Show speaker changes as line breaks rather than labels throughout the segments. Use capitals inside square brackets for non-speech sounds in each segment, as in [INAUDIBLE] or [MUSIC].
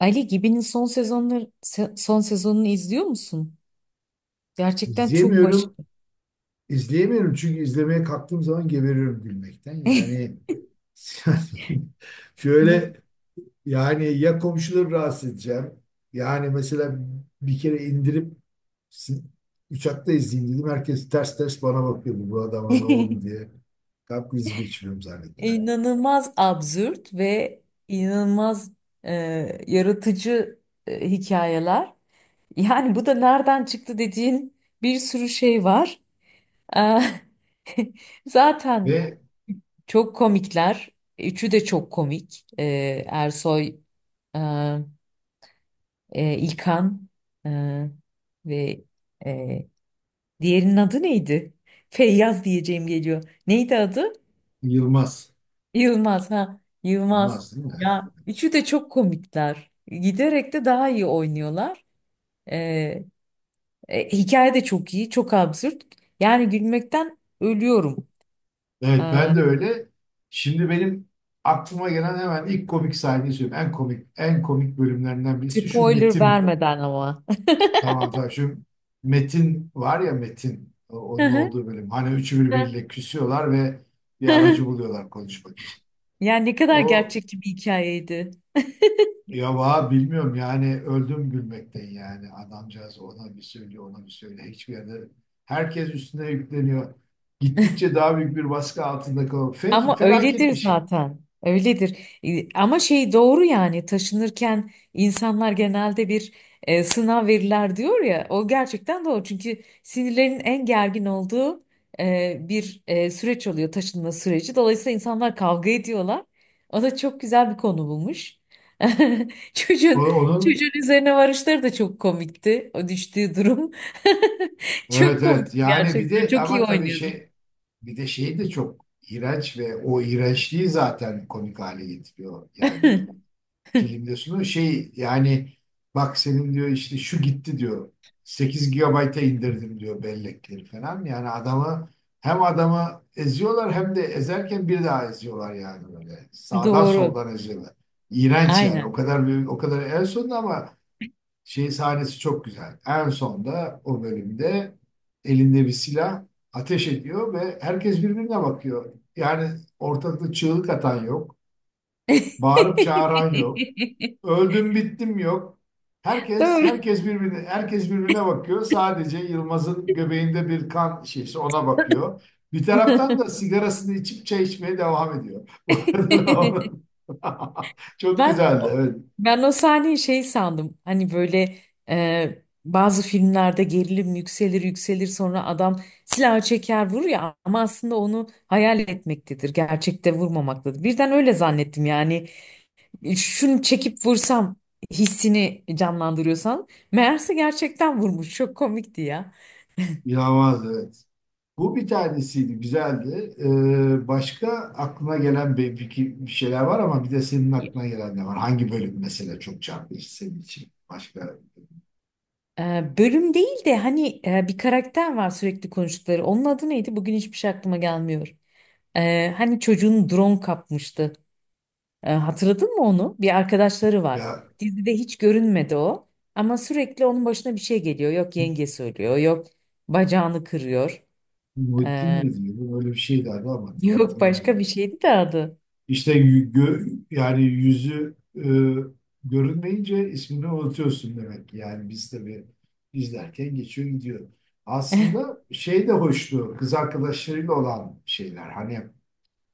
Ali Gibi'nin son sezonları son sezonunu izliyor musun? Gerçekten çok
İzleyemiyorum.
başarılı.
İzleyemiyorum çünkü izlemeye kalktığım zaman geberiyorum gülmekten.
[LAUGHS]
Yani [LAUGHS] yani
Bu
şöyle, yani ya komşuları rahatsız edeceğim. Yani mesela bir kere indirip si- uçakta izleyeyim dedim. Herkes ters ters bana bakıyordu. Bu adama ne oldu
[LAUGHS]
diye. Kalp krizi geçiriyorum zannettiler.
inanılmaz absürt ve inanılmaz e, yaratıcı hikayeler. Yani bu da nereden çıktı dediğin bir sürü şey var. Eh, [LAUGHS] Zaten
Ve
çok komikler. Üçü de çok komik. Eh, Ersoy, eh, İlkan, eh, ve e, diğerinin adı neydi? Feyyaz diyeceğim geliyor. Neydi adı?
Yılmaz.
Yılmaz ha. Yılmaz.
Yılmaz değil mi?
Ya üçü de çok komikler. Giderek de daha iyi oynuyorlar. Ee, hikaye de çok iyi, çok absürt. Yani gülmekten ölüyorum.
Evet,
Ee,
ben de öyle. Şimdi benim aklıma gelen hemen ilk komik sahneyi söyleyeyim. En komik bölümlerinden birisi şu
spoiler
Metin.
vermeden ama.
Tamam, tamam, şu Metin var ya, Metin, onun olduğu
[LAUGHS]
bölüm. Hani üçü birbiriyle küsüyorlar ve bir aracı buluyorlar konuşmak için.
Yani ne kadar
O,
gerçekçi bir hikayeydi.
ya va bilmiyorum yani, öldüm gülmekten yani. Adamcağız ona bir söylüyor, ona bir söylüyor, hiçbir yerde herkes üstüne yükleniyor. Gittikçe daha büyük bir baskı altında kalıyor.
Ama
Felaket
öyledir
bir şey.
zaten. Öyledir. Ama şey doğru yani taşınırken insanlar genelde bir sınav verirler diyor ya. O gerçekten doğru. Çünkü sinirlerin en gergin olduğu süreç oluyor taşınma süreci. Dolayısıyla insanlar kavga ediyorlar. O da çok güzel bir konu bulmuş. [LAUGHS]
O-
Çocuğun
Onun
çocuğun üzerine varışları da çok komikti. O düştüğü durum. [LAUGHS]
Evet,
Çok komikti
evet, yani bir
gerçekten.
de
Çok
ama
iyi
tabii
oynuyordu.
şey, bir de şey de çok iğrenç ve o iğrençliği zaten komik hale getiriyor yani, filmde sunuyor şey yani, bak senin diyor işte şu gitti diyor, 8 gigabayta indirdim diyor bellekleri falan yani. Adamı, hem adamı eziyorlar hem de ezerken bir daha eziyorlar, yani böyle
[LAUGHS]
sağdan
Doğru.
soldan eziyorlar. İğrenç yani, o
Aynen.
kadar büyük, o kadar, en sonunda ama şey sahnesi çok güzel. En sonda o bölümde elinde bir silah ateş ediyor ve herkes birbirine bakıyor. Yani ortalıkta çığlık atan yok, bağırıp çağıran yok,
[LAUGHS]
öldüm bittim yok. Herkes
Doğru.
herkes birbirine herkes birbirine bakıyor. Sadece Yılmaz'ın göbeğinde bir kan şişesi ona bakıyor. Bir taraftan da sigarasını içip çay içmeye devam ediyor. [LAUGHS] Bu arada da onun-
[LAUGHS]
[LAUGHS] çok
Ben
güzeldi, evet.
ben o sahneyi şey sandım. Hani böyle bazı filmlerde gerilim yükselir yükselir sonra adam silahı çeker vurur ya ama aslında onu hayal etmektedir. Gerçekte vurmamaktadır. Birden öyle zannettim yani. Şunu çekip vursam hissini canlandırıyorsan meğerse gerçekten vurmuş. Çok komikti ya.
İnanılmaz, evet. Bu bir tanesiydi, güzeldi. Başka aklına gelen bir şeyler var, ama bir de senin aklına gelen ne var? Hangi bölüm mesela çok çarpıcı senin için? Başka
Bölüm değil de hani bir karakter var sürekli konuştukları. Onun adı neydi? Bugün hiçbir şey aklıma gelmiyor. Hani çocuğun drone kapmıştı. Hatırladın mı onu? Bir arkadaşları var.
ya,
Dizide hiç görünmedi o. Ama sürekli onun başına bir şey geliyor. Yok yenge söylüyor. Yok bacağını kırıyor.
Muhittin
Ee,
mi diyordu? Öyle bir şey derdi ama
[LAUGHS]
tam
yok başka bir
hatırlamıyorum.
şeydi de adı.
İşte yani yüzü görünmeyince ismini unutuyorsun demek ki. Yani biz tabii izlerken geçiyor gidiyor. Aslında şey de hoştu, kız arkadaşlarıyla olan şeyler. Hani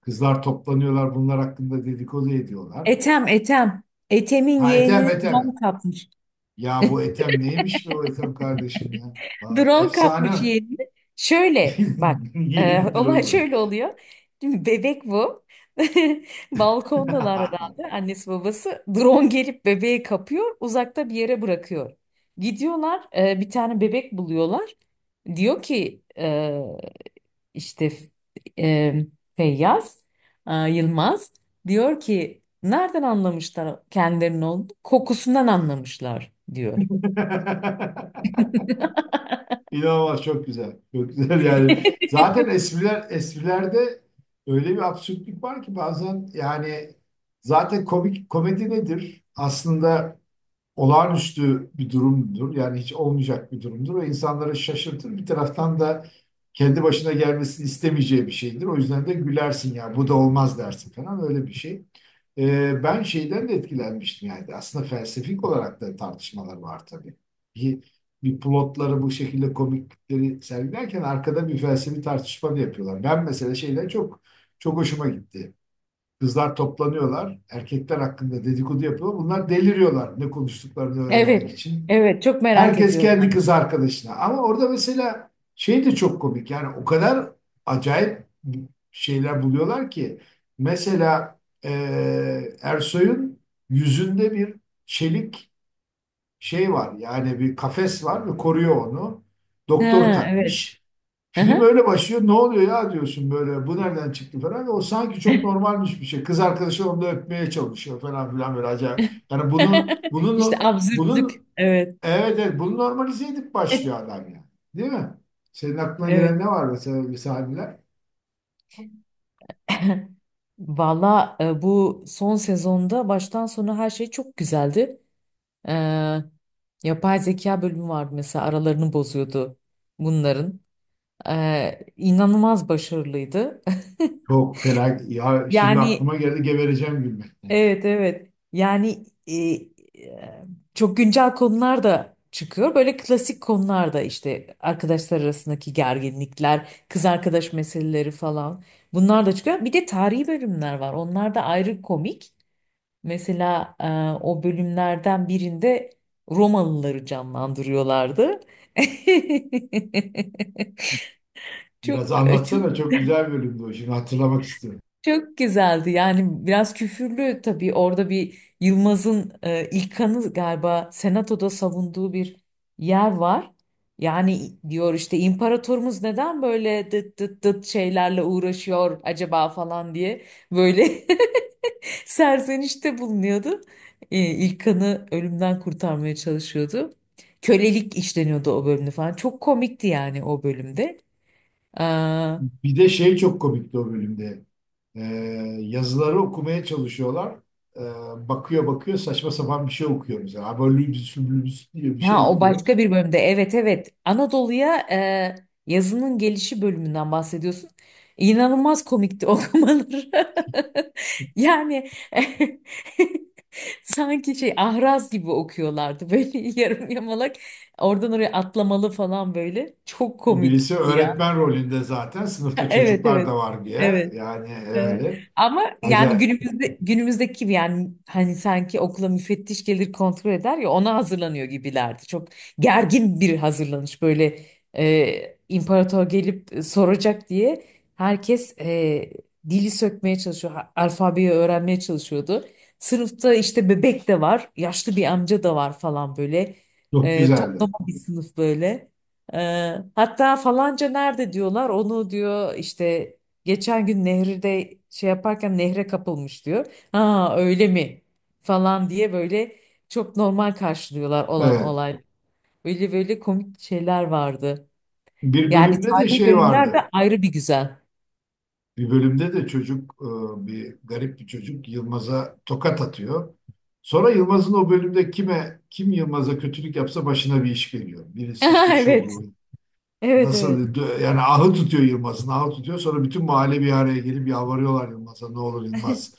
kızlar toplanıyorlar, bunlar hakkında dedikodu ediyorlar.
Etem, Etem. Etem'in
Ha, Ethem,
yeğenini
Ethem.
drone kapmış.
Ya bu Ethem neymiş be, o Ethem kardeşim ya? Aa,
Drone kapmış
efsane.
yeğenini. Şöyle bak,
[LAUGHS]
[LAUGHS]
Yenidir
olay
oğlum.
şöyle oluyor. Şimdi bebek bu. [LAUGHS] Balkondalar herhalde annesi babası. Drone gelip bebeği kapıyor, uzakta bir yere bırakıyor. Gidiyorlar, bir tane bebek buluyorlar. Diyor ki işte e, Feyyaz Yılmaz diyor ki nereden anlamışlar kendilerinin olduğunu? Kokusundan anlamışlar diyor.
[LAUGHS] İnanılmaz, çok güzel. Çok güzel yani.
[LAUGHS]
Zaten esprilerde öyle bir absürtlük var ki bazen yani, zaten komik, komedi nedir? Aslında olağanüstü bir durumdur. Yani hiç olmayacak bir durumdur ve insanları şaşırtır. Bir taraftan da kendi başına gelmesini istemeyeceği bir şeydir. O yüzden de gülersin ya, bu da olmaz dersin falan, öyle bir şey. Ben şeyden de etkilenmiştim, yani aslında felsefik olarak da tartışmalar var tabii. Bir, bir plotları bu şekilde komiklikleri sergilerken arkada bir felsefi tartışma da yapıyorlar. Ben mesela şeyler çok, çok hoşuma gitti. Kızlar toplanıyorlar. Erkekler hakkında dedikodu yapıyor. Bunlar deliriyorlar ne konuştuklarını öğrenmek
Evet,
için.
evet, çok merak
Herkes kendi
ediyorlar.
kız arkadaşına. Ama orada mesela şey de çok komik. Yani o kadar acayip şeyler buluyorlar ki. Mesela Ersoy'un yüzünde bir çelik şey var. Yani bir kafes var ve koruyor onu.
Ha,
Doktor
evet.
takmış. Film
Aha.
öyle başlıyor. Ne oluyor ya diyorsun böyle. Bu nereden çıktı falan. O sanki çok normalmiş bir şey. Kız arkadaşı onu da öpmeye çalışıyor falan filan, böyle acayip. Yani bunu
[LAUGHS] İşte
bunun
absürtlük.
bunun
Evet.
evet, evet, bunu normalize edip başlıyor
[LAUGHS]
adam yani. Değil mi? Senin aklına gelen
Evet.
ne var mesela, bir sahneler?
[LAUGHS] Valla, bu son sezonda baştan sona her şey çok güzeldi. E, yapay zeka bölümü vardı mesela, aralarını bozuyordu bunların. E, inanılmaz başarılıydı. [LAUGHS]
Çok fena. Ya şimdi aklıma
Yani
geldi, gebereceğim gülmekten.
evet, evet. Yani e, çok güncel konular da çıkıyor. Böyle klasik konular da işte arkadaşlar arasındaki gerginlikler, kız arkadaş meseleleri falan. Bunlar da çıkıyor. Bir de tarihi bölümler var. Onlar da ayrı komik. Mesela o bölümlerden birinde Romalıları canlandırıyorlardı. [LAUGHS]
Biraz
Çok çok
anlatsana, çok güzel bölümdü o. Şimdi hatırlamak istiyorum.
çok güzeldi yani. Biraz küfürlü tabii, orada bir Yılmaz'ın İlkan'ı galiba senatoda savunduğu bir yer var. Yani diyor işte imparatorumuz neden böyle dıt dıt dıt şeylerle uğraşıyor acaba falan diye böyle [LAUGHS] serzenişte bulunuyordu. İlkan'ı ölümden kurtarmaya çalışıyordu. Kölelik işleniyordu o bölümde falan. Çok komikti yani o bölümde.
Bir de şey çok komikti o bölümde. Ee, Yazıları okumaya çalışıyorlar. Bakıyor, bakıyor, saçma sapan bir şey okuyor mesela. Abolübüs lübüs diye bir şey
Ha, o
okuyor.
başka bir bölümde. Evet, evet. Anadolu'ya yazının gelişi bölümünden bahsediyorsun. İnanılmaz komikti okumaları. [LAUGHS] Yani [LAUGHS] sanki şey ahraz gibi okuyorlardı böyle, [LAUGHS] yarım yamalak. Oradan oraya atlamalı falan böyle. Çok
O birisi
komikti ya.
öğretmen rolünde zaten, sınıfta
[LAUGHS] Evet,
çocuklar da
evet.
var diye.
Evet.
Yani
Evet.
öyle.
Ama yani
Acayip.
günümüzde, günümüzdeki gibi yani, hani sanki okula müfettiş gelir kontrol eder ya, ona hazırlanıyor gibilerdi. Çok gergin bir hazırlanış böyle. e, imparator gelip soracak diye herkes dili sökmeye çalışıyor, alfabeyi öğrenmeye çalışıyordu. Sınıfta işte bebek de var, yaşlı bir amca da var falan böyle,
Çok güzeldi.
toplama bir sınıf böyle. E, hatta falanca nerede diyorlar, onu diyor işte geçen gün nehirde şey yaparken nehre kapılmış diyor. Ha öyle mi? Falan diye böyle çok normal karşılıyorlar olan
Evet.
olay. Böyle böyle komik şeyler vardı.
Bir
Yani
bölümde de
tarihi
şey
bölümler de
vardı.
ayrı bir güzel.
Bir bölümde de çocuk, bir garip bir çocuk Yılmaz'a tokat atıyor. Sonra Yılmaz'ın o bölümde kime, kim Yılmaz'a kötülük yapsa başına bir iş geliyor. Birisi işte
[LAUGHS]
şu
Evet.
olur,
Evet,
nasıl
evet.
yani, ahı tutuyor, Yılmaz'ın ahı tutuyor. Sonra bütün mahalle bir araya gelip yalvarıyorlar Yılmaz'a, ne olur Yılmaz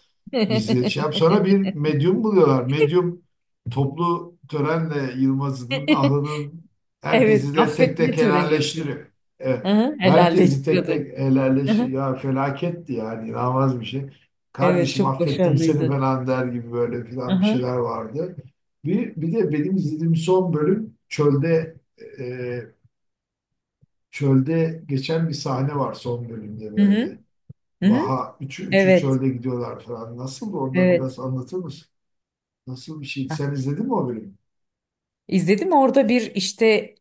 bizi şey yap. Sonra bir
[LAUGHS]
medyum buluyorlar, medyum toplu törenle Yılmaz'ın ahının,
Evet,
herkesi de tek
affetme
tek
töreni yapıyor.
helalleştiriyor, evet.
Aha,
Herkesi tek
helalleştiriyordu.
tek
Aha,
helalleştiriyor ya, felaketti yani, inanılmaz bir şey.
evet,
Kardeşim
çok
affettim seni
başarılıydı.
falan der gibi böyle filan bir
Aha,
şeyler vardı. Bir de benim izlediğim son bölüm çölde. Çölde geçen bir sahne var son bölümde,
hı hı,
böyle.
hı hı.
Vaha, üçü
Evet,
çölde gidiyorlar falan. Nasıl orada,
evet.
biraz anlatır mısın? Nasıl bir şey?
Ha,
Sen izledin mi o bölümü?
İzledim orada bir işte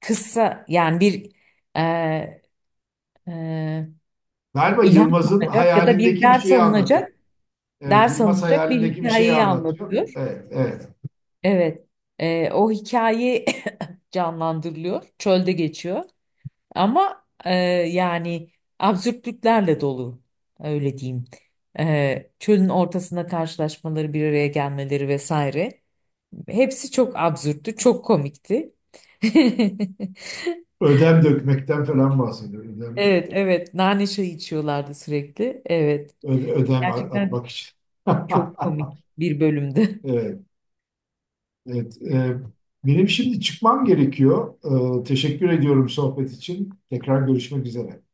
kısa yani bir e, e,
Galiba
ilham
Yılmaz'ın
alınacak ya da bir
hayalindeki bir
ders
şeyi anlatıyor.
alınacak,
Evet,
ders
Yılmaz
alınacak bir
hayalindeki bir şeyi
hikayeyi
anlatıyor.
anlatıyor.
Evet, evet.
Evet. O hikaye [LAUGHS] canlandırılıyor. Çölde geçiyor. Ama yani absürtlüklerle dolu. Öyle diyeyim. Çölün ortasında karşılaşmaları, bir araya gelmeleri vesaire. Hepsi çok absürttü, çok komikti. [LAUGHS]
Ödem dökmekten falan bahsediyor. Ödem,
Evet, evet. Nane çayı içiyorlardı sürekli. Evet.
ödem
Gerçekten
atmak için. [LAUGHS]
çok komik bir bölümdü.
Evet, evet. Benim şimdi çıkmam gerekiyor. Teşekkür ediyorum sohbet
[LAUGHS]
için. Tekrar görüşmek üzere.